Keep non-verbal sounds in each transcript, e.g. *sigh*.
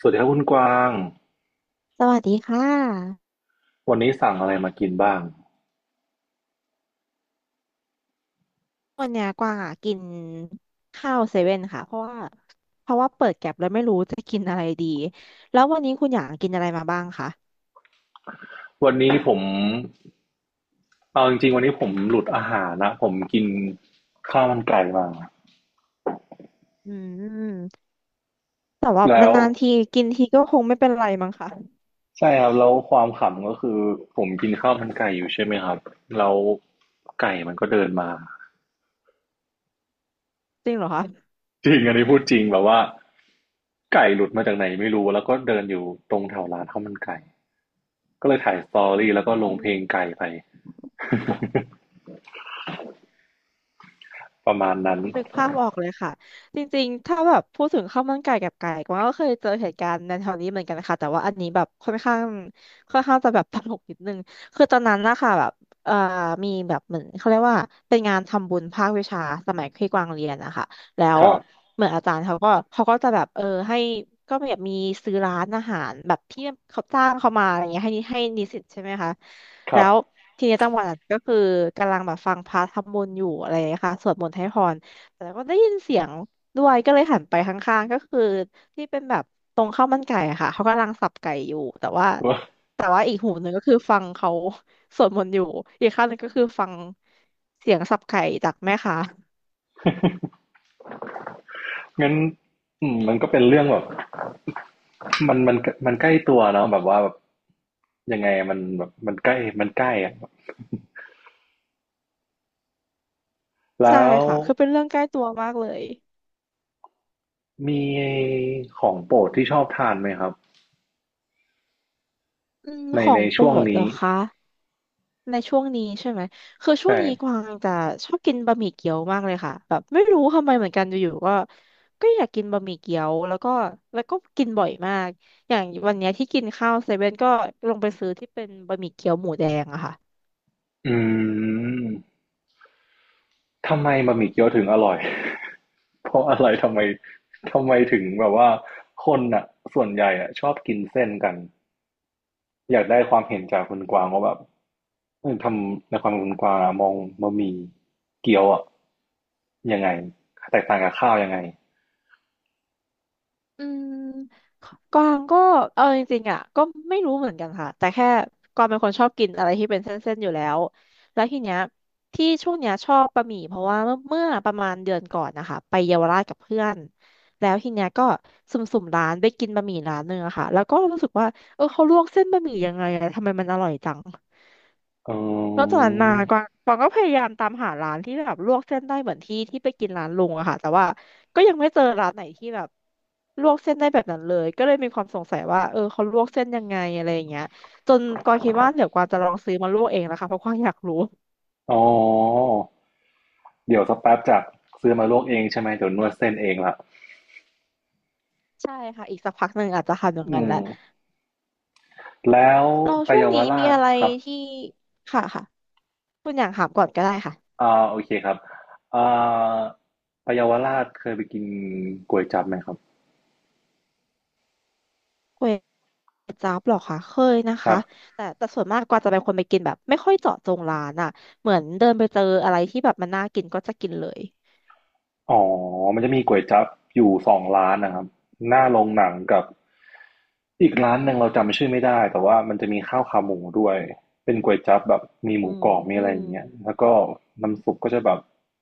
สวัสดีครับคุณกวางสวัสดีค่ะวันนี้สั่งอะไรมากินบ้าง วันเนี้ยกวางอ่ะกินข้าวเซเว่นค่ะเพราะว่าเปิดแก็บแล้วไม่รู้จะกินอะไรดีแล้ววันนี้คุณอยากกินอะไรมาบ้างคะวันนี้ผม เอาจริงๆวันนี้ผมหลุดอาหารนะ ผมกินข้าวมันไก่มา อืมแต่ว่าแล้วนานๆทีกินทีก็คงไม่เป็นไรมั้งค่ะใช่ครับแล้วความขำก็คือผมกินข้าวมันไก่อยู่ใช่ไหมครับ แล้วไก่มันก็เดินมา จริงเหรอคะจริงอันนี้พูดจริงแบบว่าไก่หลุดมาจากไหนไม่รู้ แล้วก็เดินอยู่ตรงแถวร้านข้าวมันไก่ก็เลยถ่ายสตออืรี่แล้วก็ลงเพลงม ไก่ไปประมาณนั้นนึกภาพออกเลยค่ะจริงๆถ้าแบบพูดถึงข้าวมันไก่กับไก่กวางก็เคยเจอเหตุการณ์ในแถวนี้เหมือนกันค่ะแต่ว่าอันนี้แบบค่อนข้างจะแบบตลกนิดนึงคือตอนนั้นนะคะแบบเอ่อมีแบบเหมือนเขาเรียกว่าเป็นงานทำบุญภาควิชาสมัยที่กวางเรียนนะคะแล้ควรับเหมือนอาจารย์เขาก็จะแบบเออให้ก็แบบมีซื้อร้านอาหารแบบที่เขาจ้างเขามาอะไรเงี้ยให้นิสิตใช่ไหมคะคแล้รับวทีนี้จังหวะนั้นก็คือกำลังแบบฟังพระทำบุญอยู่อะไรนะคะสวดมนต์ให้พร แต่ก็ได้ยินเสียงด้วยก็เลยหันไปข้างๆก็คือที่เป็นแบบตรงข้าวมันไก่อะค่ะเขากำลังสับไก่อยู่แต่ว่าว่าแต่ว่าอีกหูหนึ่งก็คือฟังเขาสวดมนต์อยู่อีกข้างหนึ่งก็คือฟังเสียงสับไก่จากแม่ค้างั้นอืมมันก็เป็นเรื่องแบบ มันมันใกล้ตัวเนาะแบบว่าแบบยังไงมันแบบมันใกล้มันใกล้อะใช่แล้วค่ะคือเป็นเรื่องใกล้ตัวมากเลยมีของโปรดที่ชอบทานไหมครับอืมในขอในงโปรช่วงดเหรนี้อคะ ในช่วงนี้ใช่ไหม คือช่วใช่งนี้กวางจะชอบกินบะหมี่เกี๊ยวมากเลยค่ะแบบไม่รู้ทำไมเหมือนกันอยู่ๆก็ก็อยากกินบะหมี่เกี๊ยวแล้วก็กินบ่อยมากอย่างวันเนี้ยที่กินข้าวเซเว่นก็ลงไปซื้อที่เป็นบะหมี่เกี๊ยวหมูแดงอะค่ะ อืมทำไมบะหมี่เกี๊ยวถึงอร่อย *laughs* เพราะอะไรทำไมถึงแบบว่าคนอ่ะส่วนใหญ่อ่ะชอบกินเส้นกัน อยากได้ความเห็นจากคุณกวางว่าแบบเออทำในความเห็นคุณกวางอะมองบะหมี่เกี๊ยวอะยังไงแตกต่างกับข้าวยังไงอืมกวางก็เอาจริงๆอ่ะก็ไม่รู้เหมือนกันค่ะแต่แค่กวางเป็นคนชอบกินอะไรที่เป็นเส้นๆอยู่แล้วแล้วทีเนี้ยที่ช่วงเนี้ยชอบบะหมี่เพราะว่าเมื่อประมาณเดือนก่อนนะคะไปเยาวราชกับเพื่อนแล้วทีเนี้ยก็สุ่มๆร้านไปกินบะหมี่ร้านหนึ่งอะค่ะแล้วก็รู้สึกว่าเออเขาลวกเส้นบะหมี่ยังไงอะทำไมมันอร่อยจัง เอแล้วจาอกนั้นมากวางก็พยายามตามหาร้านที่แบบลวกเส้นได้เหมือนที่ที่ไปกินร้านลุงอะค่ะแต่ว่าก็ยังไม่เจอร้านไหนที่แบบลวกเส้นได้แบบนั้นเลยก็เลยมีความสงสัยว่าเออเขาลวกเส้นยังไงอะไรอย่างเงี้ยจนกวางคิดว่าเดี๋ยวกวางจะลองซื้อมาลวกเองนะคะเพราะกวางอยากรู้อ๋อเดี๋ยวสักแป๊บจากซื้อมาลวกเองใช่ไหมเดี๋ยวนวดเส้นเองละใช่ค่ะอีกสักพักหนึ่งอาจจะทำอย่างอืนั้นแหมละแล้วเราไปช่วงเยาวนี้มีราชอะไรครับที่ค่ะค่ะคุณอยากถามก่อนก็ได้ค่ะ อ่าโอเคครับอ่าไปเยาวราชเคยไปกินก๋วยจั๊บไหมครับจ๊าบหรอคะเคยนะครัคะบ แต่ส่วนมากกว่าจะเป็นคนไปกินแบบไม่ค่อยเจาะจงร้านอ่ะเหมือนเดินไปเจออะไรที่แบบมันน่ากินก็จะกินเลยอ๋อมันจะมีก๋วยจั๊บอยู่สองร้านนะครับหน้าโรงหนังกับอีกร้านหนึ่งเราจำชื่อไม่ได้แต่ว่ามันจะมีข้าวขาหมูด้วยเป็นก๋วยจั๊บแบบมีหอืมูกรอบมีอะไรอย่างมเงี้ยแล้วก็น้ำซุปก็จะแบบ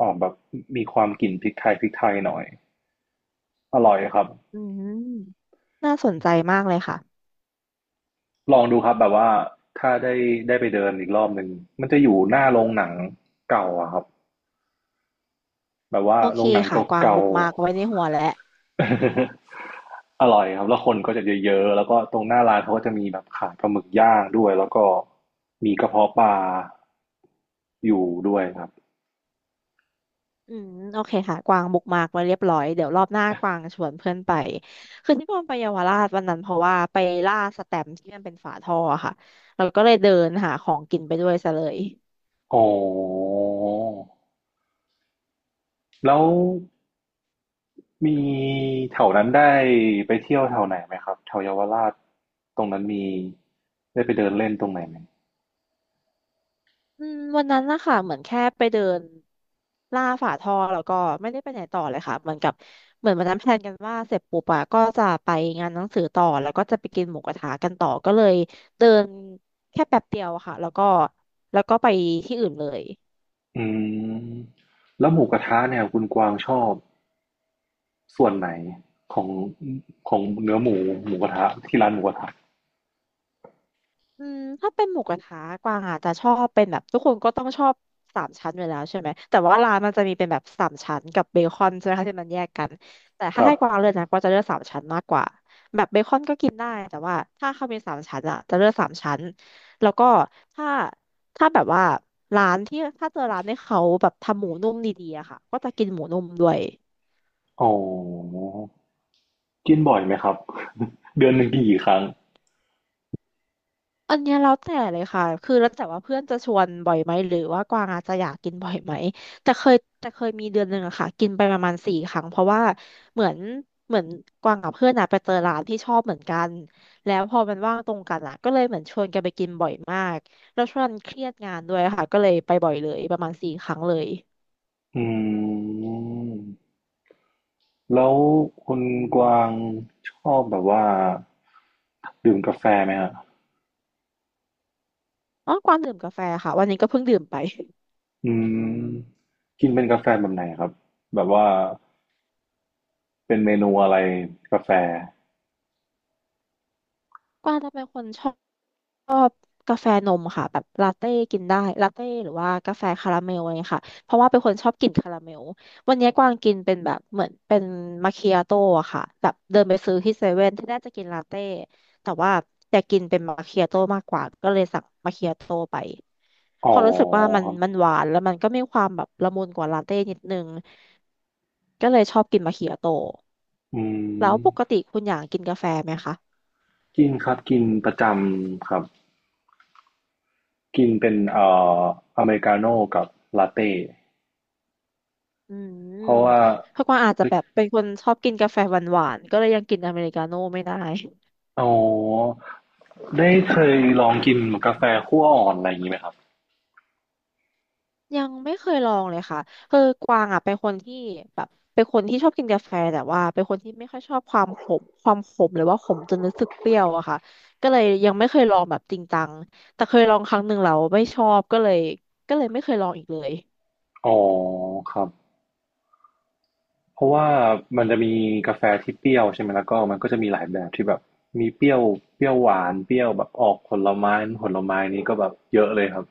ออกแบบมีความกลิ่นพริกไทยหน่อยอร่อยครับอืมน่าสนใจมากเลยค่ะลองดูครับแบบว่าถ้าได้ได้ไปเดินอีกรอบหนึ่งมันจะอยู่หน้าโรงหนังเก่าอะครับแบบว่าโอโรเคงหนังค่ะกวางเก่า บุกมากไว้ในหัวแล้ว *laughs* อร่อยครับแล้วคนก็จะเยอะๆแล้วก็ตรงหน้าร้านเขาก็จะมีแบบขายปลาหมึกย่างด้วยแล้วก็มีกระเพาะปลาอยู่ด้วยครับอืมโอเคค่ะกวางบุกมากไว้เรียบร้อยเดี๋ยวรอบหน้ากวางชวนเพื่อนไปคือที่กวางไปเยาวราชวันนั้นเพราะว่าไปล่าสแตมป์ที่มันเป็นฝาท่ออะค่ะเราก็เลยเดินหาของกินไปด้วยซะเลย อ๋อแล้วมีแถวนั้นได้ไปเที่ยวแถวไหนไหมครับแถวเยาวราชตรงนั้นมีได้ไปเดินเล่นตรงไหนไหมอืมวันนั้นนะคะเหมือนแค่ไปเดินล่าฝาท่อแล้วก็ไม่ได้ไปไหนต่อเลยค่ะเหมือนกับเหมือนวันนั้นแพลนกันว่าเสร็จปุ๊บอะก็จะไปงานหนังสือต่อแล้วก็จะไปกินหมูกระทะกันต่อก็เลยเดินแค่แป๊บเดียวอะค่ะแล้วก็ไปที่อื่นเลยอืมแล้วหมูกระทะเนี่ยคุณกวางชอบส่วนไหนของของเนื้อหมูหมูกระทะที่ร้านหมูกระทะอืมถ้าเป็นหมูกระทะกวางอาจจะชอบเป็นแบบทุกคนก็ต้องชอบสามชั้นอยู่แล้วใช่ไหมแต่ว่าร้านมันจะมีเป็นแบบสามชั้นกับเบคอนใช่ไหมคะที่มันแยกกันแต่คถ้ารับ ให้กวางเลือกนะกวางจะเลือกสามชั้นมากกว่า กินได้แต่ว่าถ้าข้าวเป็นสามชั้นอะจะเลือกสามชั้นแล้วก็ถ้าถ้าแบบว่าร้านที่ถ้าเจอร้านที่เขาแบบทำหมูนุ่มดีๆอะค่ะก็จะกินหมูนุ่มด้วย อ๋อกินบ่อยไหมครับ *laughs* เดือนหนึ่งกินกี่ครั้งอันเนี้ยแล้วแต่เลยค่ะคือแล้วแต่ว่าเพื่อนจะชวนบ่อยไหมหรือว่ากวางอาจจะอยากกินบ่อยไหมแต่เคยมีเดือนหนึ่งอะค่ะกินไปประมาณสี่ครั้งเพราะว่าเหมือนเหมือนกวางกับเพื่อนอะไปเจอร้านที่ชอบเหมือนกันแล้วพอมันว่างตรงกันอะก็เลยเหมือนชวนกันไปกินบ่อยมากแล้วช่วงนั้นเครียดงานด้วยค่ะก็เลยไปบ่อยเลยประมาณสี่ครั้งเลยอืมแล้วคุณกวางชอบแบบว่าดื่มกาแฟไหมฮะอ๋อกวางดื่มกาแฟค่ะวันนี้ก็เพิ่งดื่มไปอืมกินเป็นกาแฟแบบไหนครับแบบว่าเป็นเมนูอะไรกาแฟกวางจะเป็นคนชอบ ชอบกาแฟนมค่ะแบบลาเต้กินได้ลาเต้หรือว่ากาแฟคาราเมลอะไรเงี้ยค่ะเพราะว่าเป็นคนชอบกินคาราเมลวันนี้กวางกินเป็นแบบเหมือนเป็นมาคิอาโต้อะค่ะแบบเดินไปซื้อที่เซเว่นที่แรกจะกินลาเต้แต่ว่าอยากกินเป็นมาคิอาโต้มากกว่าก็เลยสั่งมาคิอาโต้ไปพอ๋ออรู้สึกว่ามันครัมันบหวานแล้วมันก็มีความแบบละมุนกว่าลาเต้นิดนึงก็เลยชอบกินมาคิอาโต้อืแล้มวปกติคุณอยากกินกาแฟไหมคะ กินครับกินประจำครับกินเป็นออเมริกาโน่กับลาเต้อืมเพราะว่า เพราะกวางอาจจะแบบเป็นคนชอบกินกาแฟหวานๆก็เลยยังกินอเมริกาโน่ไม่ได้ อ๋อได้เคยลองกินกาแฟคั่วอ่อนอะไรอย่างงี้ไหมครับ *laughs* ยังไม่เคยลองเลยค่ะคือกวางอ่ะเป็นคนที่แบบเป็นคนที่ชอบกินกาแฟแต่ว่าเป็นคนที่ไม่ค่อยชอบความขมหรือว่าขมจนรู้สึกเปรี้ยวอะค่ะก็เลยยังไม่เคยลองแบบจริงจังแต่เคยลองครั้งหนึ่งแล้วไม่ชอบก็เลยไม่เคยลองอีกเลยอ๋อครับเพราะว่ามันจะมีกาแฟที่เปรี้ยวใช่ไหมแล้วก็มันก็จะมีหลายแบบที่แบบมีเปรี้ยวเปรี้ยวหวานเปรี้ยวแบบออกผลไม้ผลไม้นี้ก็แบบเยอะเลยครับ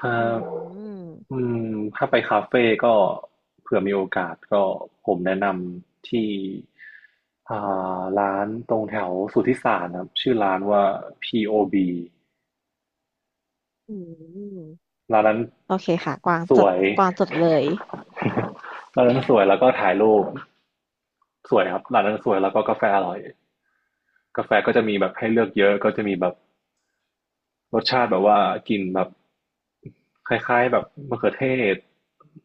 ถ้าอืมอืมถ้าไปคาเฟ่ก็เผื่อมีโอกาสก็ผมแนะนำที่อ่ร้านตรงแถวสุทธิสารครับชื่อร้านว่า POB อืมร้านนั้นโอเคค่ะกวางสจวดย กวางจดเลย *laughs* ร้านนั้นสวยแล้วก็ถ่ายรูปสวยครับร้านนั้นสวยแล้วก็กาแฟอร่อยกาแฟก็จะมีแบบให้เลือกเยอะก็จะมีแบบรสชาติแบบว่ากลินแบบคล้ายๆแบบมะเขือเทศ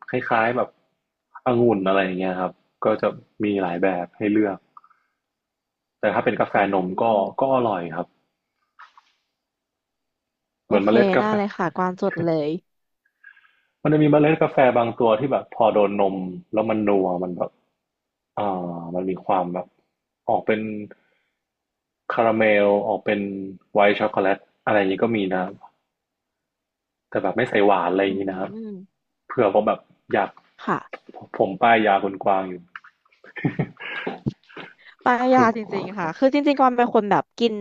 คล้ายๆแบบองุ่นอะไรอย่างเงี้ยครับก็จะมีหลายแบบให้เลือกแต่ถ้าเป็นกาแฟอืนมก็มก็อร่อยครับเหโอมือนเมเคล็ดกาได้แฟ เลยค่ะกวางจดเลย มันจะมีเมล็ดกาแฟบางตัวที่แบบพอโดนนมแล้วมันนัวมันแบบมันมีความแบบออกเป็นคาราเมลออกเป็นไวท์ช็อกโกแลตอะไรอย่างนี้ก็มีนะครับแต่แบบไม่ใส่หวานอะไรออืย่างนี้นะครับมเผื่อว่าแบบอยากค่ะผมป้ายยาคนกวางอยู่ ปลายาจริง *laughs* ๆค่ะคือจริงๆก่อนเป็นคนแบบกิน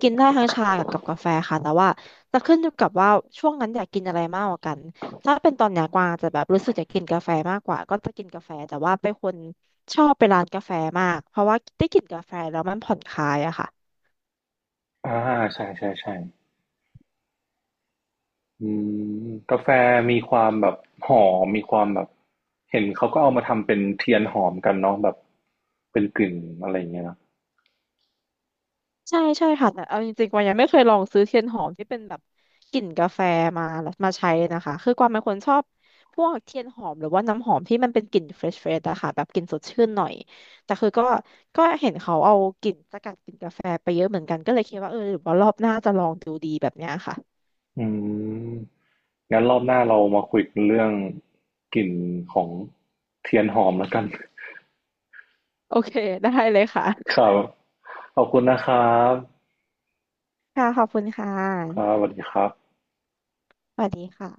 กินได้ทั้งชากับกาแฟค่ะแต่ว่าจะขึ้นอยู่กับว่าช่วงนั้นอยากกินอะไรมากกว่ากันถ้าเป็นตอนเนี้ยกวางจะแบบรู้สึกอยากกินกาแฟมากกว่าก็จะกินกาแฟแต่ว่าเป็นคนชอบไปร้านกาแฟมากเพราะว่าได้กลินกาแฟแล้วมันผ่อนคลายอะค่ะ อ่าใช่ใช่ใช่อืมกาแฟมีความแบบหอมมีความแบบเห็นเขาก็เอามาทำเป็นเทียนหอมกันเนาะแบบเป็นกลิ่นอะไรอย่างเงี้ยนะ ใช่ใช่ค่ะแต่เอาจริงๆกวางยังไม่เคยลองซื้อเทียนหอมที่เป็นแบบกลิ่นกาแฟมามาใช้นะคะคือกวางเป็นคนชอบพวกเทียนหอมหรือว่าน้ำหอมที่มันเป็นกลิ่นเฟรชเฟรชอะค่ะแบบกลิ่นสดชื่นหน่อยแต่คือก็เห็นเขาเอากลิ่นสกัดกลิ่นกาแฟไปเยอะเหมือนกันก็เลยคิดว่าเออหรือว่ารอบหน้าจะลองดูดีแบบเนี้ยค่ะอืมงั้นรอบหน้าเรามาคุยกันเรื่องกลิ่นของเทียนหอมแล้วกันโอเคได้เลยค่ะครับขอบคุณนะครับค่ะขอบคุณค่ะครับสวัสดีครับสวัสดีค่ะ